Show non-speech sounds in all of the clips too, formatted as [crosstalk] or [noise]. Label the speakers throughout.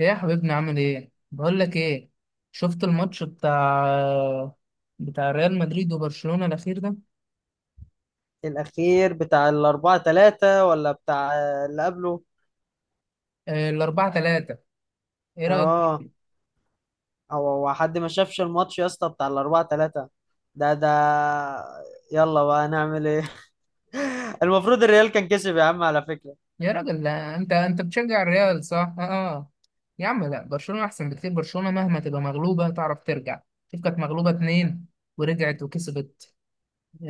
Speaker 1: ايه يا حبيبنا، عامل ايه؟ بقول لك ايه، شفت الماتش بتاع ريال مدريد وبرشلونة الاخير ده؟
Speaker 2: الأخير بتاع الأربعة تلاتة ولا بتاع اللي قبله؟
Speaker 1: آه، الـ4-3. ايه
Speaker 2: اه.
Speaker 1: رأيك؟
Speaker 2: هو حد ما شافش الماتش يا اسطى بتاع الأربعة تلاتة ده. يلا بقى نعمل ايه؟ [laughs] المفروض الريال كان كسب يا عم، على فكرة.
Speaker 1: يا راجل لا، انت بتشجع الريال صح؟ اه آه. يا عم لا، برشلونة احسن بكتير. برشلونة مهما تبقى مغلوبة تعرف ترجع. شوف، كانت مغلوبة اتنين ورجعت وكسبت.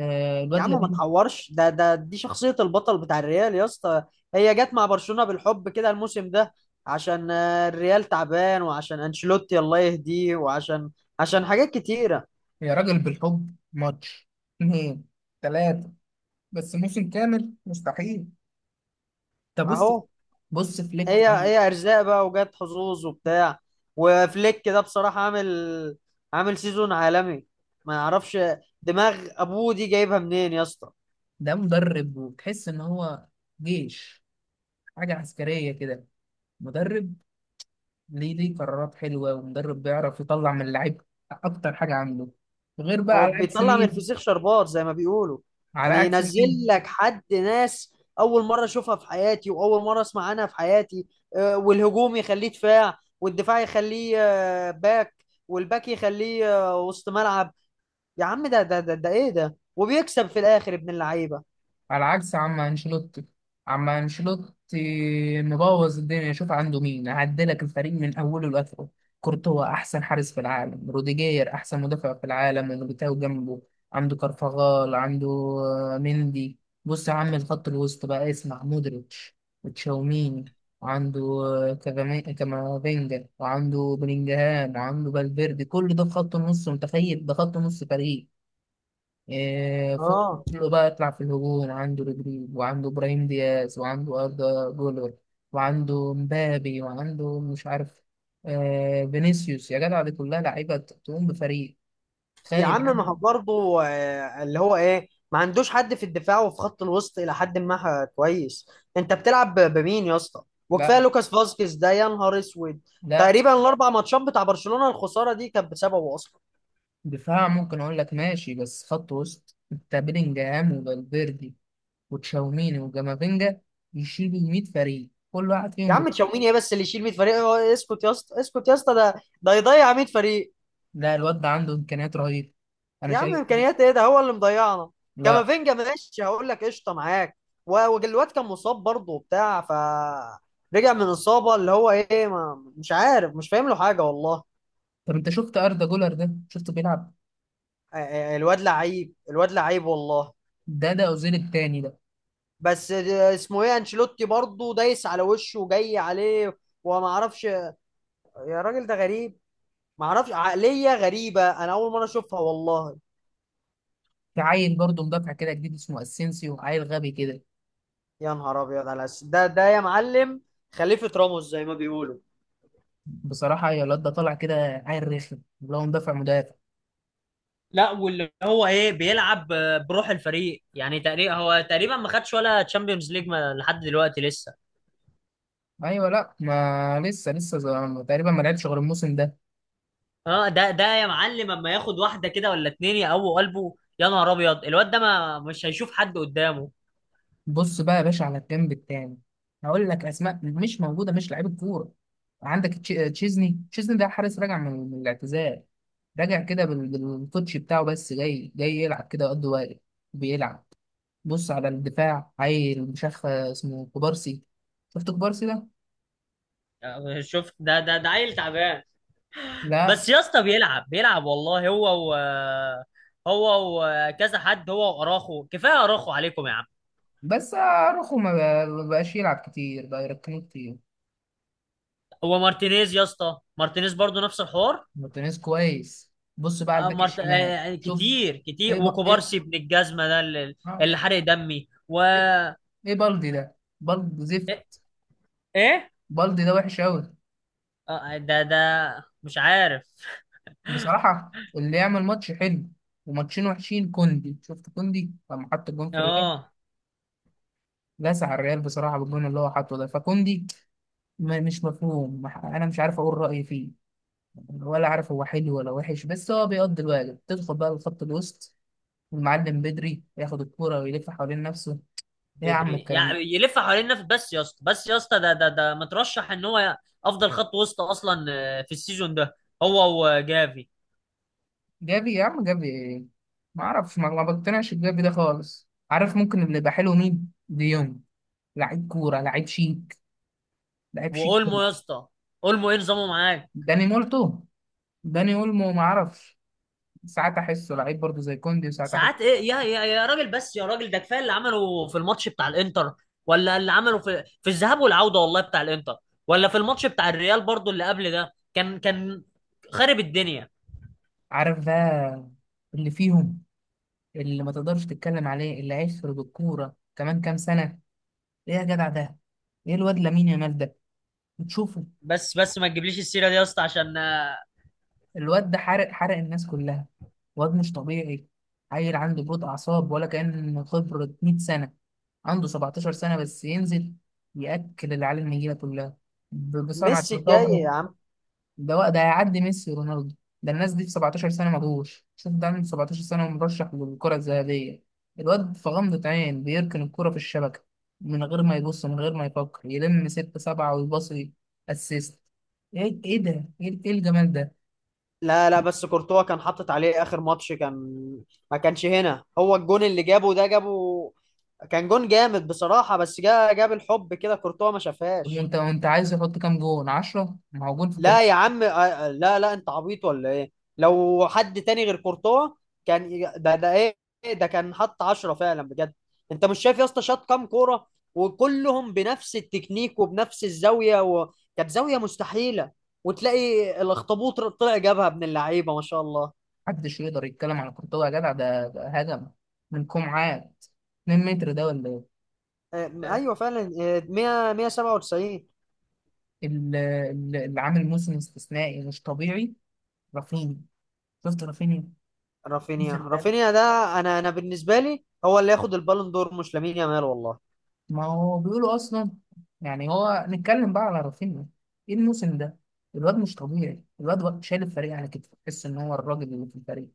Speaker 1: آه،
Speaker 2: يا
Speaker 1: الواد
Speaker 2: عم، ما
Speaker 1: لامين.
Speaker 2: تحورش، ده ده دي شخصية البطل بتاع الريال يا اسطى. هي جت مع برشلونة بالحب كده الموسم ده، عشان الريال تعبان، وعشان أنشيلوتي الله يهديه، وعشان حاجات كتيرة.
Speaker 1: يا راجل، بالحب ماتش اتنين تلاتة، بس موسم كامل مستحيل. طب
Speaker 2: اهو.
Speaker 1: بص، بص فليك
Speaker 2: هي ارزاق بقى، وجت حظوظ وبتاع، وفليك ده بصراحه عامل سيزون عالمي، ما يعرفش. دماغ ابوه دي جايبها منين يا اسطى؟
Speaker 1: ده مدرب، وتحس ان هو جيش، حاجه عسكريه كده. مدرب، ليه قرارات حلوه، ومدرب بيعرف يطلع من اللعيب اكتر حاجه عنده، غير بقى
Speaker 2: هو
Speaker 1: على عكس
Speaker 2: بيطلع من
Speaker 1: مين.
Speaker 2: الفسيخ شربات زي ما بيقولوا،
Speaker 1: على
Speaker 2: يعني
Speaker 1: عكس
Speaker 2: ينزل
Speaker 1: مين؟
Speaker 2: لك حد ناس اول مره اشوفها في حياتي، واول مره اسمع عنها في حياتي. والهجوم يخليه دفاع، والدفاع يخليه باك، والباك يخليه وسط ملعب. يا عم، ده ايه ده، وبيكسب في الاخر ابن اللعيبه.
Speaker 1: على عكس عم انشيلوتي. عم انشيلوتي مبوظ الدنيا. شوف عنده مين، هعدلك الفريق من اوله لاخره. كورتوا احسن حارس في العالم، روديجير احسن مدافع في العالم وميليتاو جنبه. عنده كارفاغال، عنده مندي. بص يا عم الخط الوسط بقى، اسمع، مودريتش وتشاوميني، وعنده كامافينجا، وعنده بلينجهام، وعنده فالفيردي. كل ده في خط النص. متخيل ده خط نص فريق؟ فوق
Speaker 2: اه.
Speaker 1: كله بقى يطلع في الهجوم، عنده رودريجو، وعنده إبراهيم دياز، وعنده أردا جولر، وعنده مبابي، وعنده مش عارف فينيسيوس. يا جدع، دي كلها لعيبة تقوم بفريق
Speaker 2: يا
Speaker 1: خالي
Speaker 2: عم، ما هو
Speaker 1: عنهم.
Speaker 2: برضه اللي هو ايه ما عندوش حد في الدفاع، وفي خط الوسط الى حد ما كويس. انت بتلعب بمين يا اسطى؟ وكفايه
Speaker 1: لا،
Speaker 2: لوكاس فاسكيز ده يا نهار اسود،
Speaker 1: لا
Speaker 2: تقريبا الاربع ماتشات بتاع برشلونه الخساره دي كانت بسببه اصلا.
Speaker 1: دفاع ممكن أقول لك ماشي، بس خط وسط أنت بيلينجهام وفالفيردي وتشاوميني وجامافينجا، يشيلوا 100 فريق، كل واحد
Speaker 2: يا
Speaker 1: فيهم
Speaker 2: عم، تشاوميني ايه بس اللي يشيل 100 فريق؟ اسكت يا اسطى، اسكت يا اسطى، ده يضيع 100 فريق.
Speaker 1: لا، الواد ده عنده إمكانيات رهيبة، أنا
Speaker 2: يا عم،
Speaker 1: شايف.
Speaker 2: امكانيات ايه؟ ده هو اللي مضيعنا.
Speaker 1: لا.
Speaker 2: كامافينجا ماشي، هقول لك قشطه معاك، وجلوات كان مصاب برضه وبتاع، ف رجع من اصابه، اللي هو ايه ما مش عارف، مش فاهم له حاجه والله.
Speaker 1: طب أنت شفت أردا جولر ده؟ شفته بيلعب؟
Speaker 2: الواد لعيب الواد لعيب والله،
Speaker 1: ده اوزيل التاني ده.
Speaker 2: بس اسمه ايه انشيلوتي برضه دايس على وشه وجاي عليه، وما اعرفش يا راجل، ده غريب. ما اعرفش، عقليه غريبه، انا اول مره اشوفها والله.
Speaker 1: في عيل برضه مدافع كده جديد اسمه اسينسيو، عيل غبي كده.
Speaker 2: يا نهار ابيض على ده يا معلم، خليفه راموس زي ما بيقولوا.
Speaker 1: بصراحه يا، الواد ده طالع كده عيل رخم، اللي هو مدافع مدافع.
Speaker 2: لا، واللي هو ايه بيلعب بروح الفريق، يعني تقريبا هو تقريبا ما خدش ولا تشامبيونز ليج لحد دلوقتي لسه.
Speaker 1: ايوه، لا، ما لسه. تقريبا ما لعبش غير الموسم ده.
Speaker 2: اه، ده يا معلم، اما ياخد واحده كده ولا اتنين يقووا قلبه، يا نهار ابيض، الواد ده ما مش هيشوف حد قدامه.
Speaker 1: بص بقى يا باشا على الجنب التاني، هقول لك اسماء مش موجوده مش لعيب كوره. عندك تشيزني ده حارس، راجع من الاعتزال، راجع كده بالكوتش بتاعه، بس جاي جاي يلعب كده قد واجب، بيلعب. بص على الدفاع، عيل مش عارف اسمه كوبارسي. شفت كوبارسي ده؟
Speaker 2: شوف، ده عيل تعبان،
Speaker 1: لا.
Speaker 2: بس يا اسطى بيلعب بيلعب والله، هو وكذا حد، هو واراخو، كفايه اراخو عليكم يا عم.
Speaker 1: بس اروخو ما بقاش يلعب كتير، بقى يركنه كتير.
Speaker 2: هو مارتينيز يا اسطى، مارتينيز برضو نفس الحوار.
Speaker 1: مارتينيز كويس. بص بقى على
Speaker 2: آه،
Speaker 1: الباك
Speaker 2: مرت... آه،
Speaker 1: الشمال،
Speaker 2: يعني
Speaker 1: شوف.
Speaker 2: كتير كتير،
Speaker 1: ايه
Speaker 2: وكوبارسي ابن الجزمه ده
Speaker 1: آه،
Speaker 2: اللي حرق دمي و...
Speaker 1: ايه، إيه بالدي ده؟ بالدي
Speaker 2: ايه
Speaker 1: زفت.
Speaker 2: إيه؟
Speaker 1: بالدي ده وحش قوي.
Speaker 2: ده مش عارف.
Speaker 1: بصراحة اللي يعمل ماتش حلو وماتشين وحشين، كوندي. شفت كوندي لما حط الجون في الريال؟
Speaker 2: اه.
Speaker 1: لسع الريال بصراحة بالجون اللي هو حاطه ده. فكوندي مش مفهوم، انا مش عارف اقول رأيي فيه، ولا عارف هو حلو ولا وحش. بس هو بيقضي الواجب، تدخل بقى لخط الوسط، المعلم بدري ياخد الكورة ويلف حوالين نفسه. ايه يا عم
Speaker 2: بدري
Speaker 1: الكلام
Speaker 2: يعني
Speaker 1: ده؟
Speaker 2: يلف حوالين النفس، بس يا اسطى بس يا اسطى، ده مترشح ان هو افضل خط وسط اصلا في السيزون ده، هو وجافي.
Speaker 1: جافي يا عم، جافي ايه؟ ما اعرفش، ما بقتنعش بجافي ده خالص. عارف ممكن اللي يبقى حلو مين؟ ديونج. لعيب كورة، لعيب شيك، لعيب شيك
Speaker 2: واولمو
Speaker 1: أوي.
Speaker 2: يا اسطى، اولمو ايه نظامه معاك؟
Speaker 1: داني مولتو، داني اولمو، ما اعرفش. ساعات احسه لعيب برضه زي كوندي، وساعات
Speaker 2: ساعات
Speaker 1: احسه.
Speaker 2: ايه يا راجل، بس يا راجل، ده كفايه اللي عمله في الماتش بتاع الانتر، ولا اللي عمله في الذهاب والعوده والله بتاع الانتر، ولا في الماتش بتاع الريال برضو اللي قبل ده، كان خارب الدنيا.
Speaker 1: عارف بقى اللي فيهم، اللي ما تقدرش تتكلم عليه، اللي هيخرج الكورة كمان كام سنة؟ ايه يا جدع ده، ايه الواد لامين يامال ده؟ بتشوفه؟
Speaker 2: بس بس ما تجيبليش السيره دي يا اسطى، عشان
Speaker 1: الواد ده حرق، حرق الناس كلها. واد مش طبيعي. عيل عنده بروت اعصاب، ولا كان خبرة 100 سنة. عنده 17 سنة بس، ينزل ياكل العيال النجيلة كلها بصنعة
Speaker 2: ميسي الجاي
Speaker 1: لطافة.
Speaker 2: يا عم.
Speaker 1: ده هيعدي ميسي ورونالدو. ده الناس دي في 17 سنة ما جوش. شوف ده عنده 17 سنة ومرشح للكرة الذهبية. الواد في غمضة عين بيركن الكرة في الشبكة، من غير ما يبص، من غير ما يفكر، يلم ستة سبعة ويباصي اسيست. ايه ايه ده، ايه، إيه الجمال ده؟
Speaker 2: لا لا، بس كورتوا كان حاطط عليه اخر ماتش، ما كانش هنا، هو الجون اللي جابه ده جابه، كان جون جامد بصراحة، بس جاب الحب كده، كورتوا ما شافهاش.
Speaker 1: وانت عايز يحط كام جون؟ 10؟ ما هو جون في
Speaker 2: لا
Speaker 1: كورة.
Speaker 2: يا عم، لا لا، انت عبيط ولا ايه؟ لو حد تاني غير كورتوا، كان ده ايه، ده كان حط عشرة فعلا بجد. انت مش شايف يا اسطى شاط كام كورة؟ وكلهم بنفس التكنيك وبنفس الزاوية، كانت زاوية مستحيلة، وتلاقي الاخطبوط طلع جابها ابن اللعيبة ما شاء الله.
Speaker 1: محدش يقدر يتكلم على كورتوا يا جدع. ده، ده هجم من كومعات 2 متر ده ولا ايه؟ آه،
Speaker 2: ايوه فعلا، 100 197.
Speaker 1: اللي عامل موسم استثنائي مش طبيعي، رافينيا. شفت رافينيا
Speaker 2: رافينيا،
Speaker 1: الموسم ده؟
Speaker 2: رافينيا ده، انا بالنسبة لي هو اللي ياخد البالون دور، مش لامين يامال والله.
Speaker 1: ما هو بيقولوا اصلا. يعني هو نتكلم بقى على رافينيا، ايه الموسم ده؟ الواد مش طبيعي. الواد شايل الفريق على كتفه، تحس ان هو الراجل اللي في الفريق.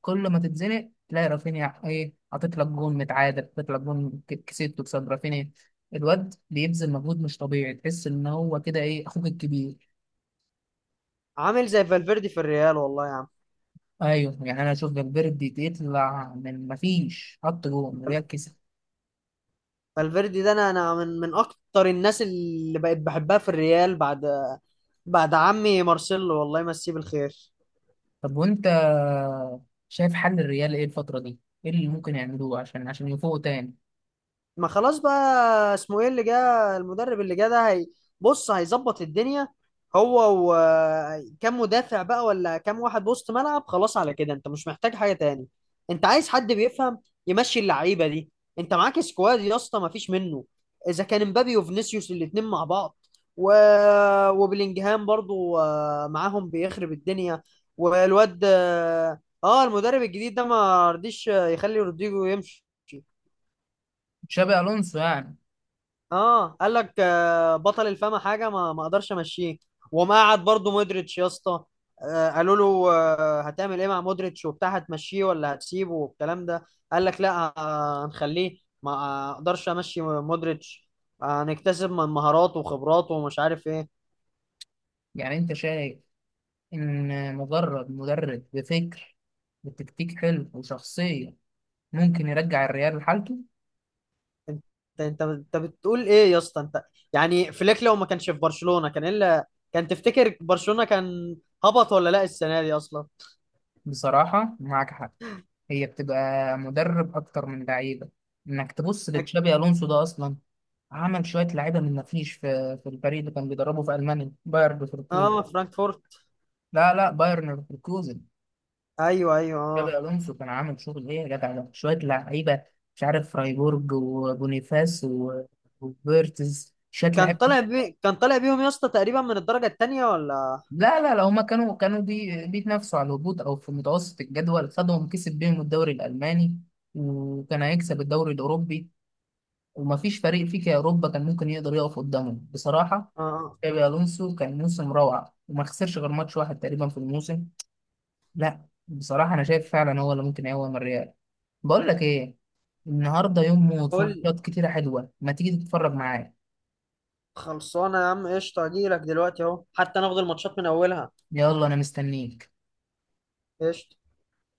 Speaker 1: كل ما تتزنق تلاقي رافينيا، ايه، حاطط لك جون متعادل، حاطط لك جون كسبته بسبب رافينيا. الواد بيبذل مجهود مش طبيعي، تحس ان هو كده، ايه، اخوك الكبير.
Speaker 2: عامل زي فالفيردي في الريال والله يا
Speaker 1: ايوه، يعني انا اشوف فالفيردي يطلع من مفيش، حط جون
Speaker 2: عم.
Speaker 1: ريال.
Speaker 2: فالفيردي ده، انا من اكتر الناس اللي بقيت بحبها في الريال، بعد عمي مارسيلو الله يمسيه بالخير.
Speaker 1: طب وانت شايف حل الريال ايه الفترة دي؟ ايه اللي ممكن يعملوه عشان يفوقوا تاني؟
Speaker 2: ما خلاص بقى، اسمه ايه اللي جه المدرب اللي جه ده، هي بص هيظبط الدنيا، هو وكم مدافع بقى ولا كم واحد وسط ملعب، خلاص على كده انت مش محتاج حاجة تاني. انت عايز حد بيفهم يمشي اللعيبة دي، انت معاك سكواد يا اسطى ما فيش منه، اذا كان مبابي وفينيسيوس الاتنين مع بعض و... وبلينجهام برضو معاهم بيخرب الدنيا. والواد المدرب الجديد ده ما رضيش يخلي رودريجو يمشي.
Speaker 1: تشابي الونسو يعني.
Speaker 2: اه، قال لك بطل الفما حاجه ما اقدرش امشيه. وما قعد برضه مودريتش يا اسطى، قالوا له هتعمل ايه مع مودريتش وبتاع، هتمشيه ولا هتسيبه والكلام ده؟ قال لك لا هنخليه، ما اقدرش امشي مودريتش، هنكتسب من مهاراته وخبراته ومش عارف ايه.
Speaker 1: يعني انت شايف ان مجرد مدرب بفكر بتكتيك حلو وشخصية، ممكن يرجع الريال لحالته؟
Speaker 2: انت انت بتقول ايه يا اسطى؟ انت يعني فليك لو ما كانش في برشلونه، كان كان تفتكر برشلونه كان هبط ولا لا السنه دي اصلا؟
Speaker 1: بصراحة معاك حق. هي بتبقى مدرب اكتر من لعيبة. انك تبص
Speaker 2: أك-
Speaker 1: لتشابي الونسو ده اصلا، عمل شوية لعيبة من مفيش في الفريق اللي كان بيدربه في المانيا، بايرن ليفركوزن.
Speaker 2: اه، فرانكفورت.
Speaker 1: لا، لا، بايرن ليفركوزن.
Speaker 2: ايوه ايوه،
Speaker 1: جابي
Speaker 2: اه.
Speaker 1: الونسو كان عامل شغل ايه يا جدع ده؟ شويه لعيبه مش عارف، فرايبورج وبونيفاس وفيرتز، شويه لعيبه.
Speaker 2: كان طالع بيهم يا اسطى تقريبا من الدرجة التانية ولا...
Speaker 1: لا، لا، لا، هما كانوا بيتنافسوا على الهبوط او في متوسط الجدول. خدهم، كسب بيهم الدوري الالماني، وكان هيكسب الدوري الاوروبي. ومفيش فريق فيك يا اوروبا كان ممكن يقدر يقف قدامه بصراحه.
Speaker 2: اه،
Speaker 1: جابي الونسو كان موسم روعه، وما خسرش غير ماتش واحد تقريبا في الموسم. لا بصراحة أنا شايف فعلا هو اللي ممكن يقوم الريال. بقول لك إيه، النهاردة يوم موت، في
Speaker 2: قول.
Speaker 1: ماتشات كتيرة حلوة، ما تيجي تتفرج معايا؟
Speaker 2: خلصانة يا عم، قشطة، اجيلك دلوقتي اهو، حتى ناخد الماتشات من اولها.
Speaker 1: يلا أنا مستنيك.
Speaker 2: قشطة.